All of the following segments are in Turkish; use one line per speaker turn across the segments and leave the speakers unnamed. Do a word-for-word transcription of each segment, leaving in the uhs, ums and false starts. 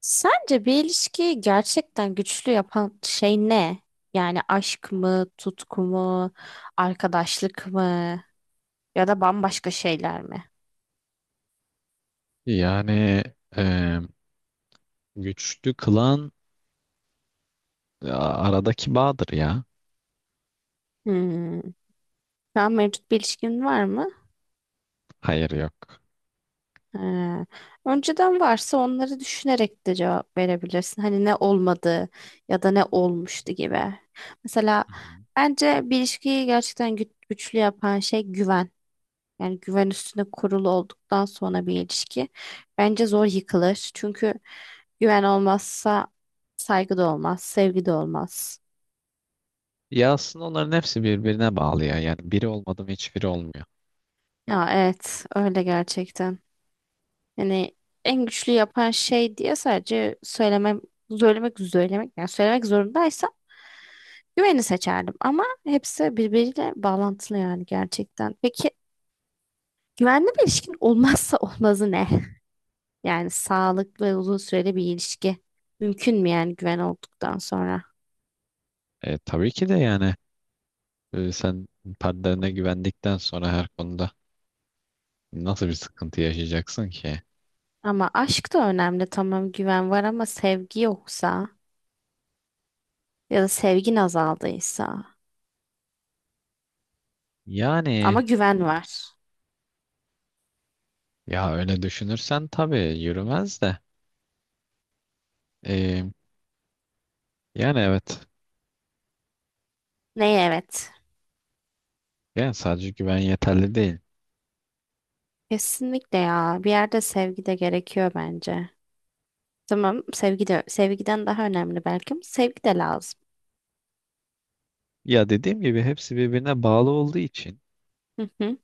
Sence bir ilişkiyi gerçekten güçlü yapan şey ne? Yani aşk mı, tutku mu, arkadaşlık mı ya da bambaşka şeyler mi?
Yani e, güçlü kılan e, aradaki bağdır ya.
Hmm. Şu an mevcut bir ilişkin var mı?
Hayır, yok.
Ha. Önceden varsa onları düşünerek de cevap verebilirsin. Hani ne olmadı ya da ne olmuştu gibi. Mesela
Hı hı.
bence bir ilişkiyi gerçekten gü- güçlü yapan şey güven. Yani güven üstüne kurulu olduktan sonra bir ilişki bence zor yıkılır. Çünkü güven olmazsa saygı da olmaz, sevgi de olmaz.
Ya aslında onların hepsi birbirine bağlı ya. Yani biri olmadı mı hiçbiri olmuyor.
Ya evet, öyle gerçekten. Yani en güçlü yapan şey diye sadece söylemem, söylemek, söylemek, yani söylemek zorundaysam güveni seçerdim. Ama hepsi birbiriyle bağlantılı yani gerçekten. Peki güvenli bir ilişkin olmazsa olmazı ne? Yani sağlıklı ve uzun süreli bir ilişki mümkün mü yani güven olduktan sonra?
E, tabii ki de, yani e, sen partnerine güvendikten sonra her konuda nasıl bir sıkıntı yaşayacaksın ki?
Ama aşk da önemli, tamam güven var ama sevgi yoksa ya da sevgin azaldıysa
Yani
ama güven var.
ya öyle düşünürsen tabii yürümez de. E, yani evet.
Neye evet?
Yani sadece güven yeterli değil.
Kesinlikle, ya bir yerde sevgi de gerekiyor bence. Tamam sevgi de, sevgiden daha önemli belki ama sevgi de lazım.
Ya dediğim gibi hepsi birbirine bağlı olduğu için,
Hı hı.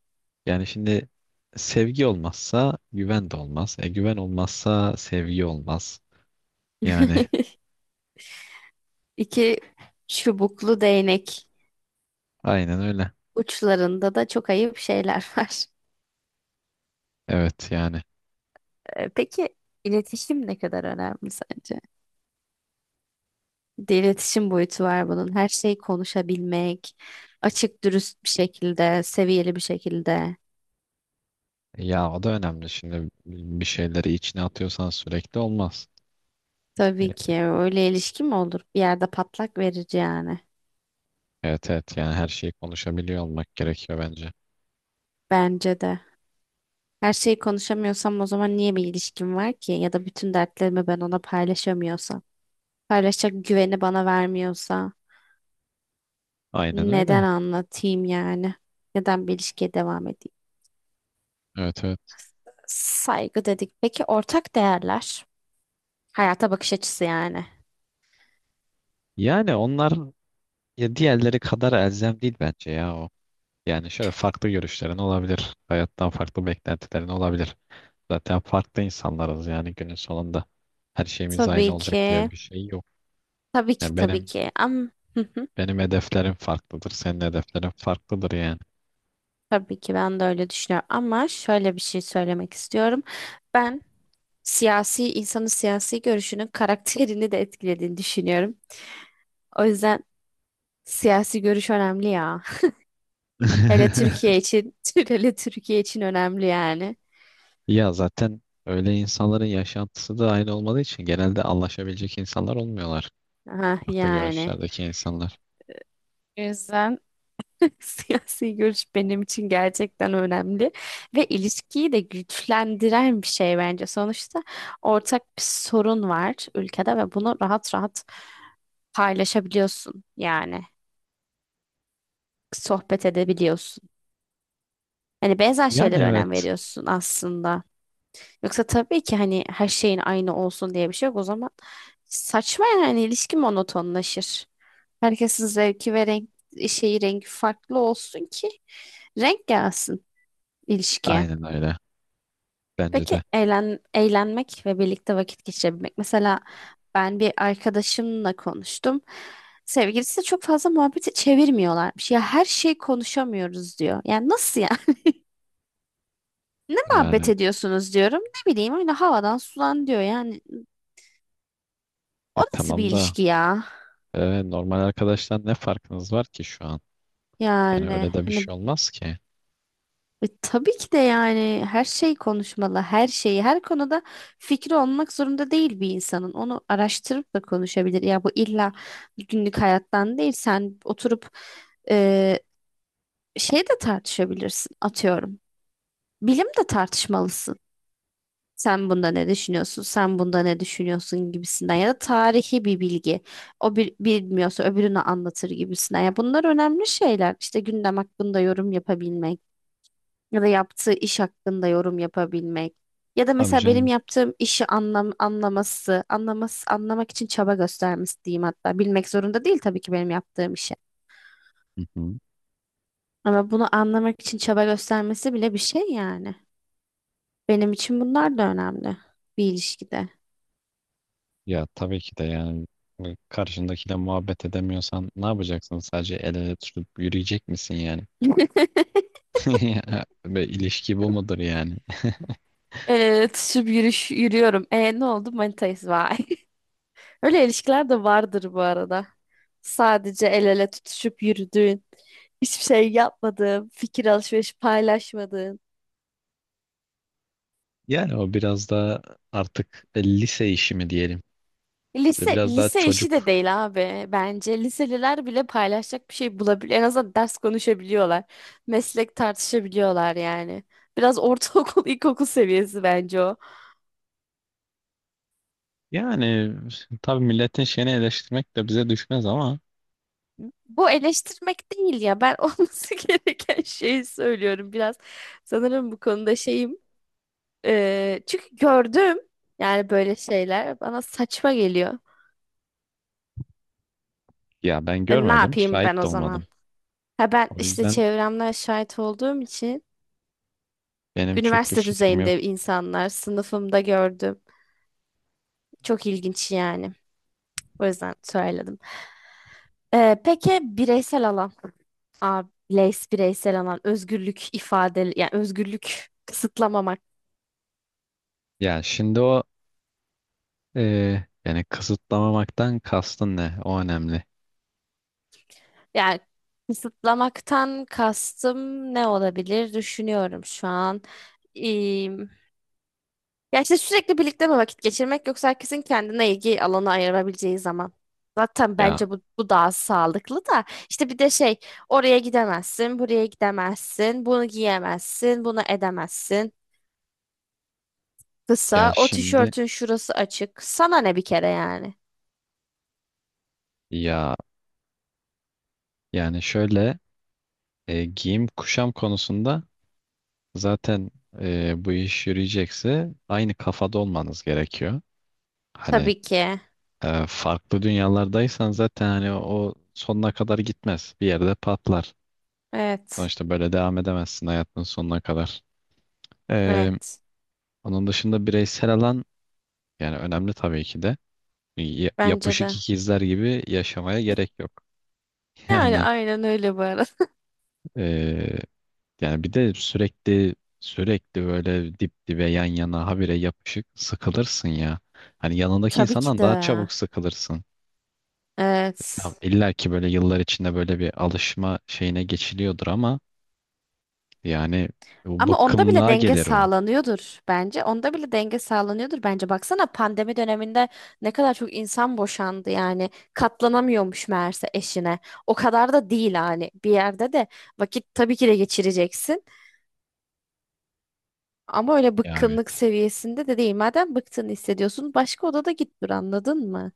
yani şimdi sevgi olmazsa güven de olmaz. E güven olmazsa sevgi olmaz. Yani
İki çubuklu değnek
aynen öyle.
uçlarında da çok ayıp şeyler var.
Evet yani.
Ee, Peki iletişim ne kadar önemli sence? Bir de iletişim boyutu var bunun. Her şeyi konuşabilmek, açık dürüst bir şekilde, seviyeli bir şekilde.
E, Ya o da önemli. Şimdi bir şeyleri içine atıyorsan sürekli olmaz.
Tabii
E,
ki, öyle ilişki mi olur? Bir yerde patlak verici yani.
Evet evet, yani her şeyi konuşabiliyor olmak gerekiyor bence.
Bence de. Her şeyi konuşamıyorsam o zaman niye bir ilişkim var ki? Ya da bütün dertlerimi ben ona paylaşamıyorsam, paylaşacak güveni bana vermiyorsa,
Aynen
neden
öyle.
anlatayım yani? Neden bir ilişkiye devam edeyim?
Evet evet.
Saygı dedik. Peki ortak değerler, hayata bakış açısı yani.
Yani onlar ya diğerleri kadar elzem değil bence ya o. Yani şöyle, farklı görüşlerin olabilir. Hayattan farklı beklentilerin olabilir. Zaten farklı insanlarız yani günün sonunda. Her şeyimiz aynı
Tabii
olacak diye
ki.
bir şey yok.
Tabii ki
Yani
tabii
benim
ki, ama, hı hı,
benim hedeflerim farklıdır. Senin hedeflerin farklıdır yani.
tabii ki ben de öyle düşünüyorum ama şöyle bir şey söylemek istiyorum. Ben siyasi, insanın siyasi görüşünün karakterini de etkilediğini düşünüyorum. O yüzden siyasi görüş önemli ya. Hele Türkiye için, hele Türkiye için önemli yani.
Ya zaten öyle insanların yaşantısı da aynı olmadığı için genelde anlaşabilecek insanlar olmuyorlar.
Aha,
Farklı
yani.
görüşlerdeki insanlar.
O yüzden siyasi görüş benim için gerçekten önemli ve ilişkiyi de güçlendiren bir şey bence. Sonuçta ortak bir sorun var ülkede ve bunu rahat rahat paylaşabiliyorsun yani, sohbet edebiliyorsun. Hani benzer
Yani
şeylere önem
evet.
veriyorsun aslında. Yoksa tabii ki hani her şeyin aynı olsun diye bir şey yok. O zaman saçma, yani ilişki monotonlaşır. Herkesin zevki ve renk, şeyi, rengi farklı olsun ki renk gelsin ilişkiye.
Aynen öyle. Bence
Peki
de.
eğlen, eğlenmek ve birlikte vakit geçirebilmek. Mesela ben bir arkadaşımla konuştum. Sevgilisi de çok fazla muhabbeti çevirmiyorlarmış. Ya her şey konuşamıyoruz diyor. Yani nasıl ya? Muhabbet
Yani
ediyorsunuz diyorum. Ne bileyim, öyle havadan sudan diyor. Yani o
e,
nasıl bir
tamam da,
ilişki ya?
e, normal arkadaştan ne farkınız var ki şu an? Yani öyle
Yani
de bir
hani,
şey olmaz ki.
e, tabii ki de yani her şey konuşmalı, her şeyi, her konuda fikri olmak zorunda değil bir insanın. Onu araştırıp da konuşabilir. Ya bu illa günlük hayattan değil. Sen oturup e, şey de tartışabilirsin atıyorum. Bilim de tartışmalısın. Sen bunda ne düşünüyorsun? Sen bunda ne düşünüyorsun gibisinden, ya da tarihi bir bilgi. O bir bilmiyorsa öbürünü anlatır gibisinden. Ya bunlar önemli şeyler. İşte gündem hakkında yorum yapabilmek. Ya da yaptığı iş hakkında yorum yapabilmek. Ya da
Abi
mesela benim
canım.
yaptığım işi anlam anlaması, anlaması, anlamak için çaba göstermesi diyeyim hatta. Bilmek zorunda değil tabii ki benim yaptığım işi.
Hı hı.
Ama bunu anlamak için çaba göstermesi bile bir şey yani. Benim için bunlar da önemli bir ilişkide.
Ya tabii ki de, yani e, karşındakiyle muhabbet edemiyorsan ne yapacaksın? Sadece el ele tutup yürüyecek misin yani? Ve ilişki bu mudur yani?
Evet, şu yürüyüş yürüyorum. E ne oldu? Manitayız vay. Öyle ilişkiler de vardır bu arada. Sadece el ele tutuşup yürüdüğün, hiçbir şey yapmadığın, fikir alışverişi paylaşmadığın.
Yani o biraz da artık lise işi mi diyelim? Ve
Lise
biraz daha
lise işi de
çocuk.
değil abi bence. Liseliler bile paylaşacak bir şey bulabiliyor. En azından ders konuşabiliyorlar. Meslek tartışabiliyorlar yani. Biraz ortaokul, ilkokul seviyesi bence o.
Yani tabii milletin şeyini eleştirmek de bize düşmez ama
Bu eleştirmek değil ya. Ben olması gereken şeyi söylüyorum biraz. Sanırım bu konuda şeyim. Ee, çünkü gördüm yani, böyle şeyler bana saçma geliyor.
ya ben
E, ne
görmedim,
yapayım ben
şahit de
o zaman?
olmadım.
Ha ben
O
işte
yüzden
çevremden şahit olduğum için
benim çok bir
üniversite
fikrim yok.
düzeyinde insanlar, sınıfımda gördüm. Çok ilginç yani. O yüzden söyledim. Ee, peki bireysel alan. Aa, bireys- bireysel alan. Özgürlük ifade. Yani özgürlük kısıtlamamak.
Ya şimdi o Ee, yani kısıtlamamaktan kastın ne? O önemli.
Yani kısıtlamaktan kastım ne olabilir? Düşünüyorum şu an. Ya işte sürekli birlikte mi vakit geçirmek, yoksa herkesin kendine ilgi alanı ayırabileceği zaman. Zaten
Ya
bence bu, bu daha sağlıklı da, işte bir de şey, oraya gidemezsin, buraya gidemezsin, bunu giyemezsin, bunu edemezsin.
ya
Kısa, o
şimdi
tişörtün şurası açık. Sana ne bir kere yani?
ya yani şöyle, e, giyim kuşam konusunda zaten e, bu iş yürüyecekse aynı kafada olmanız gerekiyor. Hani
Tabii ki.
e, farklı dünyalardaysan zaten hani o sonuna kadar gitmez. Bir yerde patlar.
Evet.
Sonuçta böyle devam edemezsin hayatın sonuna kadar. Ee,
Evet.
Onun dışında bireysel alan yani önemli tabii ki de. Y-
Bence
yapışık
de.
ikizler gibi yaşamaya gerek yok.
Yani
Yani
aynen öyle bu arada.
eee, yani bir de sürekli sürekli böyle dip dibe yan yana habire yapışık sıkılırsın ya. Hani yanındaki
Tabii ki
insandan
de.
daha çabuk sıkılırsın. Tamam,
Evet.
illa ki böyle yıllar içinde böyle bir alışma şeyine geçiliyordur ama yani bu
Ama onda bile
bıkkınlığa
denge
gelir o.
sağlanıyordur bence. Onda bile denge sağlanıyordur bence. Baksana, pandemi döneminde ne kadar çok insan boşandı yani. Katlanamıyormuş meğerse eşine. O kadar da değil hani. Bir yerde de vakit tabii ki de geçireceksin. Ama öyle
Ya
bıkkınlık
evet.
seviyesinde de değil. Madem bıktığını hissediyorsun, başka odada git dur, anladın mı?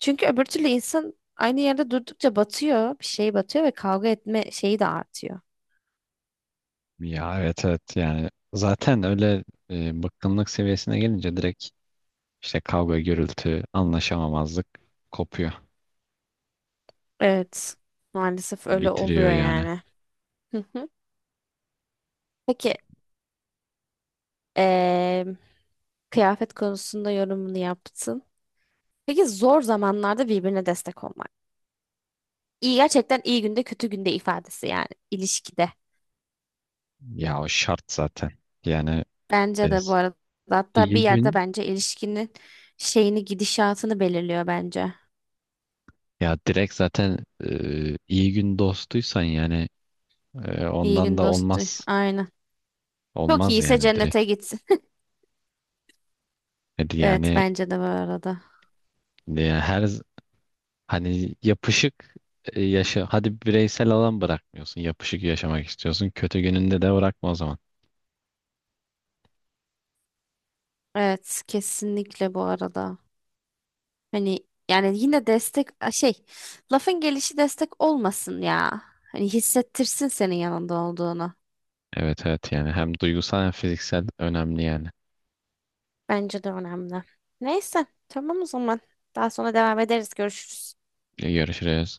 Çünkü öbür türlü insan aynı yerde durdukça batıyor, bir şey batıyor ve kavga etme şeyi de artıyor.
Ya evet evet, yani zaten öyle e, bıkkınlık seviyesine gelince direkt işte kavga gürültü anlaşamamazlık kopuyor,
Evet, maalesef öyle
bitiriyor
oluyor
yani.
yani. Hı hı. Peki, eee, kıyafet konusunda yorumunu yaptın. Peki zor zamanlarda birbirine destek olmak. İyi, gerçekten iyi günde kötü günde ifadesi yani ilişkide.
Ya o şart zaten. Yani
Bence de, bu arada, hatta bir
İyi
yerde
gün
bence ilişkinin şeyini, gidişatını belirliyor bence.
ya direkt zaten e, iyi gün dostuysan yani e,
İyi
ondan
gün
da
dostu.
olmaz.
Aynen. Çok
Olmaz
iyiyse
yani, direkt.
cennete gitsin.
Hadi
Evet
yani,
bence de bu arada.
e, her z- hani yapışık, e, yaşa hadi, bireysel alan bırakmıyorsun. Yapışık yaşamak istiyorsun. Kötü gününde de bırakma o zaman.
Evet kesinlikle bu arada. Hani yani, yine destek a, şey, lafın gelişi destek olmasın ya. Hani hissettirsin senin yanında olduğunu.
Evet evet, yani hem duygusal hem fiziksel önemli yani.
Bence de önemli. Neyse, tamam o zaman. Daha sonra devam ederiz. Görüşürüz.
E, Görüşürüz.